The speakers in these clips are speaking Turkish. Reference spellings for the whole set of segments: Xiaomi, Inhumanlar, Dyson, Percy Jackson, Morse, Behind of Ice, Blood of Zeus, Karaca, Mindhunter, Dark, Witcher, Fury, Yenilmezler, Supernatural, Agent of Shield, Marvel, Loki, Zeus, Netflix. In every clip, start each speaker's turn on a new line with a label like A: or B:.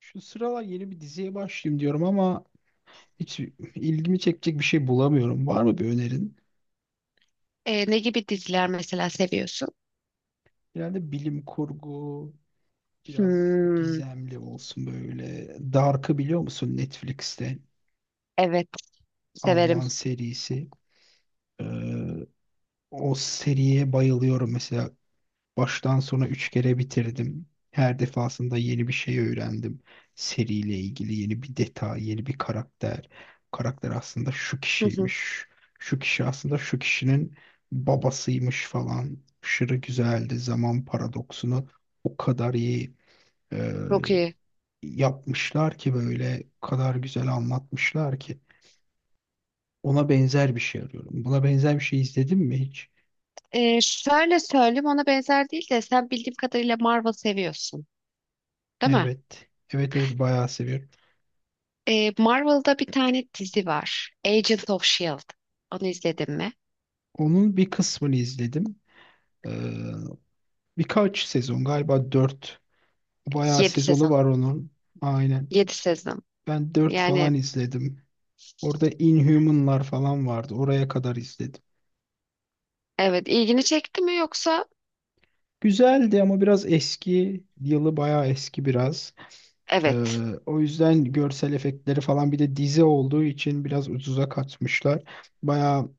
A: Şu sıralar yeni bir diziye başlayayım diyorum ama hiç ilgimi çekecek bir şey bulamıyorum. Var mı bir önerin?
B: Ne gibi diziler mesela seviyorsun?
A: Genelde bilim kurgu biraz
B: Hmm,
A: gizemli olsun böyle. Dark'ı biliyor musun? Netflix'te
B: evet, severim.
A: Alman serisi. Ee, O seriye bayılıyorum mesela. Baştan sona üç kere bitirdim. Her defasında yeni bir şey öğrendim. Seriyle ilgili yeni bir detay, yeni bir karakter. Karakter aslında şu
B: Hı hı.
A: kişiymiş. Şu kişi aslında şu kişinin babasıymış falan. Aşırı güzeldi. Zaman paradoksunu o kadar iyi e,
B: Çok iyi.
A: yapmışlar ki, böyle o kadar güzel anlatmışlar ki. Ona benzer bir şey arıyorum. Buna benzer bir şey izledin mi hiç?
B: Şöyle söyleyeyim, ona benzer değil de sen, bildiğim kadarıyla, Marvel seviyorsun, değil mi?
A: Evet. Evet evet, bayağı seviyorum.
B: Marvel'da bir tane dizi var. Agent of Shield. Onu izledin mi?
A: Onun bir kısmını izledim. Ee, Birkaç sezon galiba, dört. Bayağı
B: 7
A: sezonu
B: sezon.
A: var onun. Aynen.
B: Yedi sezon.
A: Ben 4
B: Yani
A: falan izledim. Orada Inhumanlar falan vardı. Oraya kadar izledim.
B: evet, ilgini çekti mi yoksa?
A: Güzeldi ama biraz eski. Yılı bayağı eski biraz.
B: Evet.
A: O yüzden görsel efektleri falan, bir de dizi olduğu için biraz ucuza kaçmışlar. Bayağı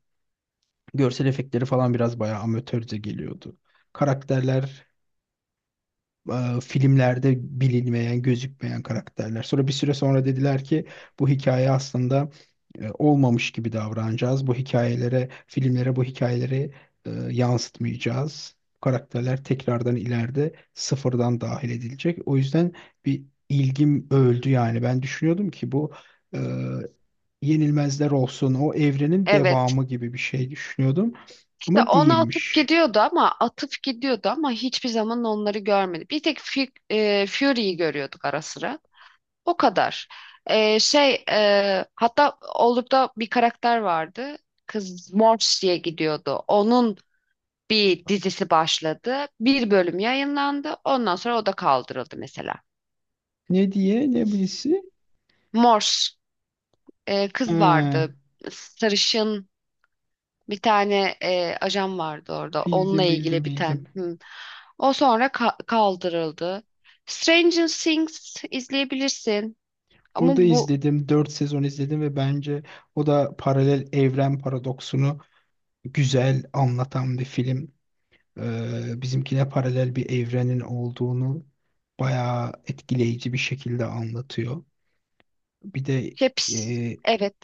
A: görsel efektleri falan biraz bayağı amatörce geliyordu. Karakterler filmlerde bilinmeyen, gözükmeyen karakterler. Sonra bir süre sonra dediler ki bu hikaye aslında olmamış gibi davranacağız. Bu hikayelere, filmlere bu hikayeleri yansıtmayacağız. Bu karakterler tekrardan ileride sıfırdan dahil edilecek. O yüzden bir ilgim öldü yani. Ben düşünüyordum ki bu e, Yenilmezler olsun, o evrenin
B: Evet.
A: devamı gibi bir şey düşünüyordum.
B: İşte
A: Ama
B: ona atıp
A: değilmiş.
B: gidiyordu ama atıp gidiyordu ama hiçbir zaman onları görmedi. Bir tek Fury'yi görüyorduk ara sıra. O kadar. Hatta Olduk'ta bir karakter vardı. Kız Morse diye gidiyordu. Onun bir dizisi başladı. Bir bölüm yayınlandı. Ondan sonra o da kaldırıldı mesela.
A: Ne diye, ne bilisi?
B: Morse kız
A: Ha.
B: vardı. Sarışın bir tane ajan vardı orada. Onunla
A: Bildim bildim
B: ilgili bir tane.
A: bildim.
B: Hı. O sonra kaldırıldı. Stranger Things izleyebilirsin. Ama
A: Orada
B: bu
A: izledim. Dört sezon izledim ve bence o da paralel evren paradoksunu güzel anlatan bir film. Bizimkine paralel bir evrenin olduğunu bayağı etkileyici bir şekilde anlatıyor. Bir de
B: hepsi,
A: e,
B: evet.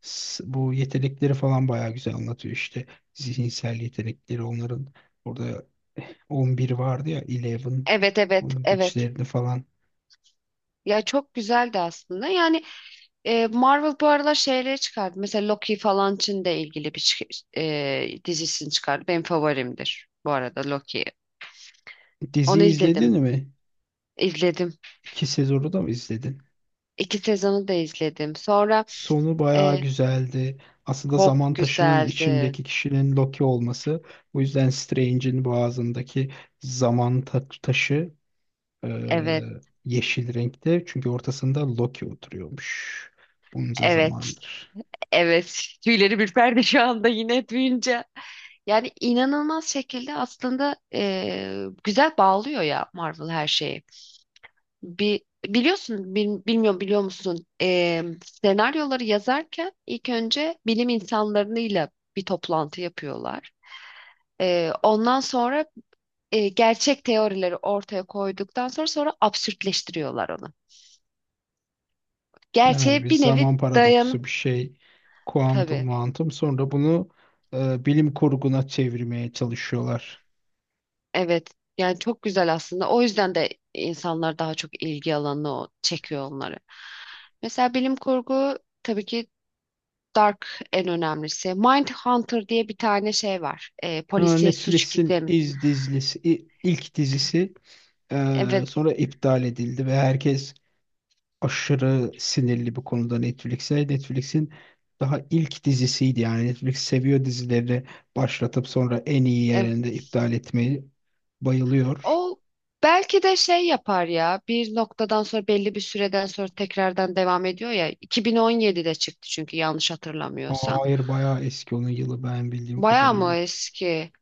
A: bu yetenekleri falan bayağı güzel anlatıyor işte. Zihinsel yetenekleri onların, orada 11 vardı ya, 11,
B: Evet, evet,
A: onun
B: evet.
A: güçlerini falan.
B: Ya çok güzeldi aslında. Yani, Marvel bu aralar şeyleri çıkardı. Mesela Loki falan için de ilgili bir dizisini çıkardı. Benim favorimdir bu arada Loki.
A: Dizi
B: Onu izledim.
A: izledin mi?
B: İzledim.
A: İki sezonu da mı izledin?
B: İki sezonu da izledim. Sonra
A: Sonu bayağı
B: e,
A: güzeldi. Aslında
B: çok
A: zaman taşının
B: güzeldi.
A: içindeki kişinin Loki olması. Bu yüzden Strange'in boğazındaki zaman taşı e,
B: Evet,
A: yeşil renkte. Çünkü ortasında Loki oturuyormuş. Bunca
B: evet,
A: zamandır.
B: evet. Tüyleri ürperdi şu anda yine duyunca. Yani inanılmaz şekilde aslında güzel bağlıyor ya Marvel her şeyi. Bir, biliyorsun, bilmiyorum, biliyor musun? Senaryoları yazarken ilk önce bilim insanlarıyla bir toplantı yapıyorlar. Ondan sonra gerçek teorileri ortaya koyduktan sonra absürtleştiriyorlar onu.
A: Yani
B: Gerçeğe
A: bir
B: bir nevi
A: zaman paradoksu
B: dayanıp,
A: bir şey. Kuantum
B: tabii.
A: muantum. Sonra bunu bilim kurguna çevirmeye çalışıyorlar.
B: Evet. Yani çok güzel aslında. O yüzden de insanlar daha çok ilgi alanı çekiyor onları. Mesela bilim kurgu, tabii ki Dark, en önemlisi. Mindhunter diye bir tane şey var.
A: Ha,
B: Polisiye suç
A: Netflix'in
B: gizemi.
A: dizisi, ilk dizisi,
B: Evet,
A: sonra iptal edildi ve herkes aşırı sinirli bir konuda Netflix'e. Netflix'in daha ilk dizisiydi yani. Netflix seviyor dizileri başlatıp sonra en iyi
B: evet.
A: yerinde iptal etmeyi, bayılıyor.
B: O belki de şey yapar ya. Bir noktadan sonra, belli bir süreden sonra, tekrardan devam ediyor ya. 2017'de çıktı çünkü, yanlış hatırlamıyorsam.
A: Hayır, bayağı eski onun yılı ben bildiğim
B: Bayağı mı
A: kadarıyla.
B: eski?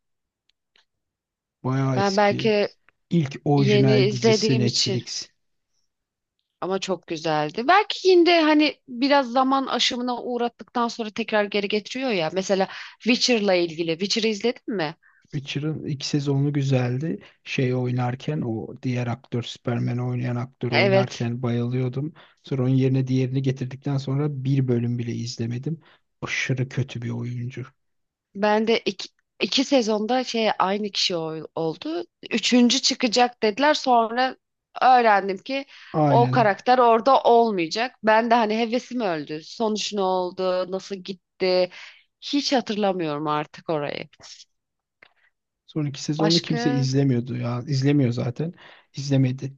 A: Bayağı
B: Ben
A: eski.
B: belki
A: İlk
B: yeni
A: orijinal dizisi
B: izlediğim için,
A: Netflix.
B: ama çok güzeldi. Belki yine de hani biraz zaman aşımına uğrattıktan sonra tekrar geri getiriyor ya. Mesela Witcher'la ilgili. Witcher'ı izledin mi?
A: Witcher'ın ilk sezonu güzeldi. Şey oynarken, o diğer aktör, Superman'i oynayan aktör
B: Evet.
A: oynarken bayılıyordum. Sonra onun yerine diğerini getirdikten sonra bir bölüm bile izlemedim. Aşırı kötü bir oyuncu.
B: Ben de iki sezonda şey aynı kişi oldu. Üçüncü çıkacak dediler. Sonra öğrendim ki o
A: Aynen.
B: karakter orada olmayacak. Ben de hani hevesim öldü. Sonuç ne oldu? Nasıl gitti? Hiç hatırlamıyorum artık orayı.
A: Sonraki sezonu kimse
B: Başka,
A: izlemiyordu ya. İzlemiyor zaten. İzlemedi.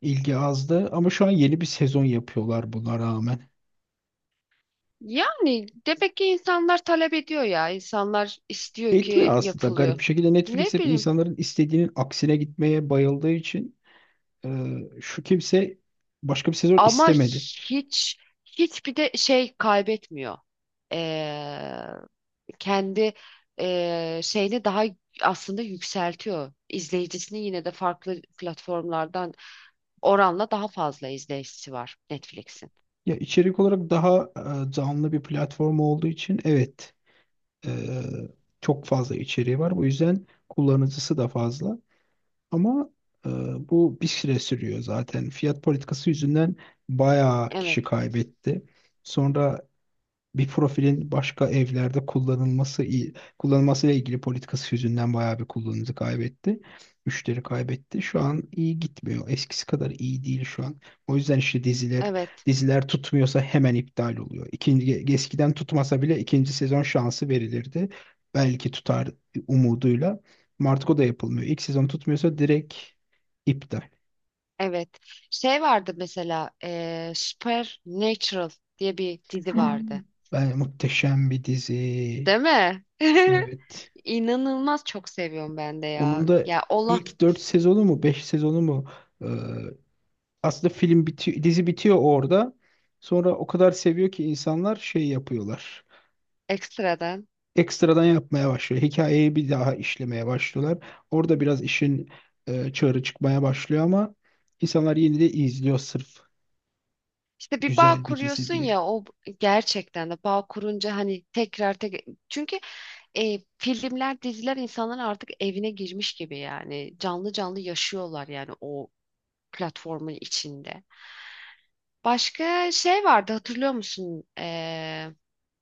A: İlgi azdı ama şu an yeni bir sezon yapıyorlar buna rağmen.
B: yani demek ki insanlar talep ediyor ya. İnsanlar istiyor ki
A: Etmiyor aslında,
B: yapılıyor.
A: garip bir şekilde Netflix
B: Ne
A: hep
B: bileyim,
A: insanların istediğinin aksine gitmeye bayıldığı için e, şu, kimse başka bir sezon
B: ama
A: istemedi.
B: hiç, hiçbir de şey kaybetmiyor. Ee, Kendi şeyini daha aslında yükseltiyor. İzleyicisini yine de farklı platformlardan oranla daha fazla izleyicisi var Netflix'in.
A: Ya içerik olarak daha canlı bir platform olduğu için evet, e, çok fazla içeriği var. Bu yüzden kullanıcısı da fazla. Ama e, bu bir süre sürüyor zaten. Fiyat politikası yüzünden bayağı
B: Evet,
A: kişi kaybetti. Sonra bir profilin başka evlerde kullanılması, kullanılmasıyla ilgili politikası yüzünden bayağı bir kullanıcı kaybetti. Müşteri kaybetti. Şu an iyi gitmiyor. Eskisi kadar iyi değil şu an. O yüzden işte diziler
B: evet,
A: diziler tutmuyorsa hemen iptal oluyor. İkinci, eskiden tutmasa bile ikinci sezon şansı verilirdi. Belki tutar umuduyla. Martko da yapılmıyor. İlk sezon tutmuyorsa direkt iptal.
B: evet. Şey vardı mesela, Supernatural diye bir dizi vardı.
A: Ben, muhteşem bir dizi.
B: Değil mi?
A: Evet.
B: İnanılmaz çok seviyorum ben de ya.
A: Onun da
B: Ya Allah,
A: ilk 4 sezonu mu, 5 sezonu mu, e, aslında film bitiyor, dizi bitiyor orada. Sonra o kadar seviyor ki insanlar, şey yapıyorlar.
B: ekstradan.
A: Ekstradan yapmaya başlıyor. Hikayeyi bir daha işlemeye başlıyorlar. Orada biraz işin çığırı çıkmaya başlıyor ama insanlar yine de izliyor, sırf
B: İşte bir bağ
A: güzel bir dizi
B: kuruyorsun
A: diye.
B: ya, o gerçekten de bağ kurunca hani tekrar tekrar, çünkü filmler, diziler insanların artık evine girmiş gibi, yani canlı canlı yaşıyorlar yani o platformun içinde. Başka şey vardı, hatırlıyor musun?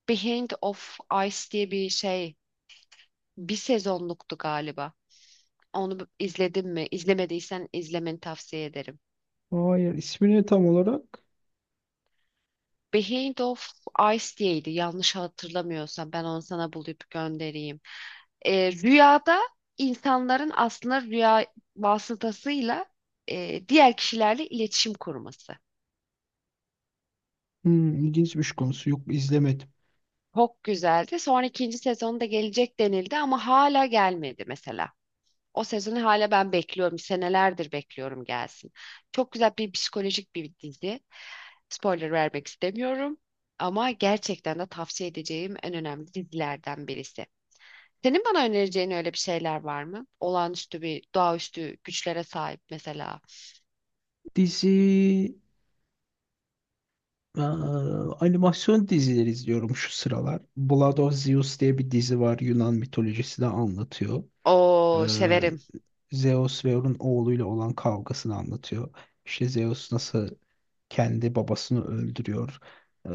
B: Behind of Ice diye bir şey, bir sezonluktu galiba. Onu izledin mi? İzlemediysen izlemeni tavsiye ederim.
A: Hayır, ismini tam olarak,
B: Behind of Ice diyeydi yanlış hatırlamıyorsam, ben onu sana bulup göndereyim. Rüyada insanların aslında rüya vasıtasıyla diğer kişilerle iletişim kurması.
A: ilginç bir konusu, yok, izlemedim.
B: Çok güzeldi. Sonra ikinci sezonda gelecek denildi ama hala gelmedi mesela. O sezonu hala ben bekliyorum. Senelerdir bekliyorum gelsin. Çok güzel bir psikolojik bir dizi. Spoiler vermek istemiyorum. Ama gerçekten de tavsiye edeceğim en önemli dizilerden birisi. Senin bana önereceğin öyle bir şeyler var mı? Olağanüstü bir, doğaüstü güçlere sahip mesela.
A: Dizi. Ee, Animasyon dizileri izliyorum şu sıralar. Blood of Zeus diye bir dizi var. Yunan mitolojisini anlatıyor. Ee,
B: Oo, severim.
A: Zeus ve onun oğluyla olan kavgasını anlatıyor. İşte Zeus nasıl kendi babasını öldürüyor. Ee,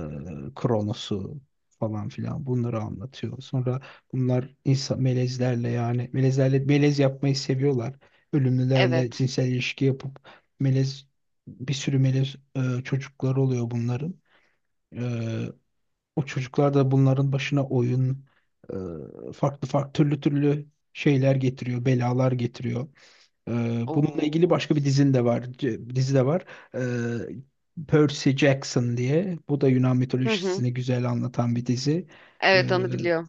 A: Kronos'u falan filan, bunları anlatıyor. Sonra bunlar insan melezlerle, yani melezlerle melez yapmayı seviyorlar. Ölümlülerle
B: Evet.
A: cinsel ilişki yapıp melez, bir sürü melez çocukları oluyor bunların. Ee, O çocuklar da bunların başına oyun, farklı farklı türlü türlü şeyler getiriyor, belalar getiriyor. E, Bununla ilgili
B: Oo.
A: başka bir dizin de var, dizi de var. Percy Jackson diye. Bu da Yunan
B: Hı hı.
A: mitolojisini güzel anlatan bir dizi. E,
B: Evet, onu biliyorum.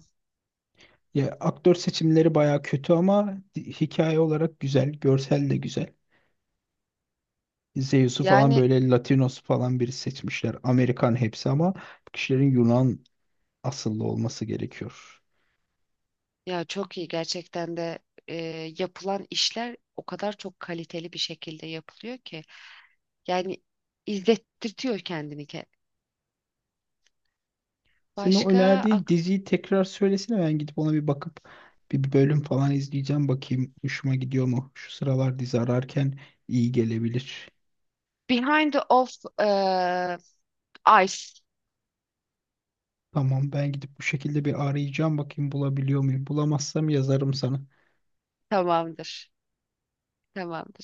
A: Ya aktör seçimleri baya kötü ama hikaye olarak güzel, görsel de güzel. Zeus'u falan
B: Yani
A: böyle Latinos falan biri seçmişler. Amerikan hepsi ama bu kişilerin Yunan asıllı olması gerekiyor.
B: ya çok iyi gerçekten de, e, yapılan işler o kadar çok kaliteli bir şekilde yapılıyor ki yani, izlettirtiyor kendini ki.
A: Senin o
B: Başka
A: önerdiğin
B: ak-
A: diziyi tekrar söylesene, ben gidip ona bir bakıp bir bölüm falan izleyeceğim, bakayım hoşuma gidiyor mu? Şu sıralar dizi ararken iyi gelebilir.
B: Behind the Off e, Ice.
A: Tamam, ben gidip bu şekilde bir arayacağım, bakayım bulabiliyor muyum? Bulamazsam yazarım sana.
B: Tamamdır. Tamamdır.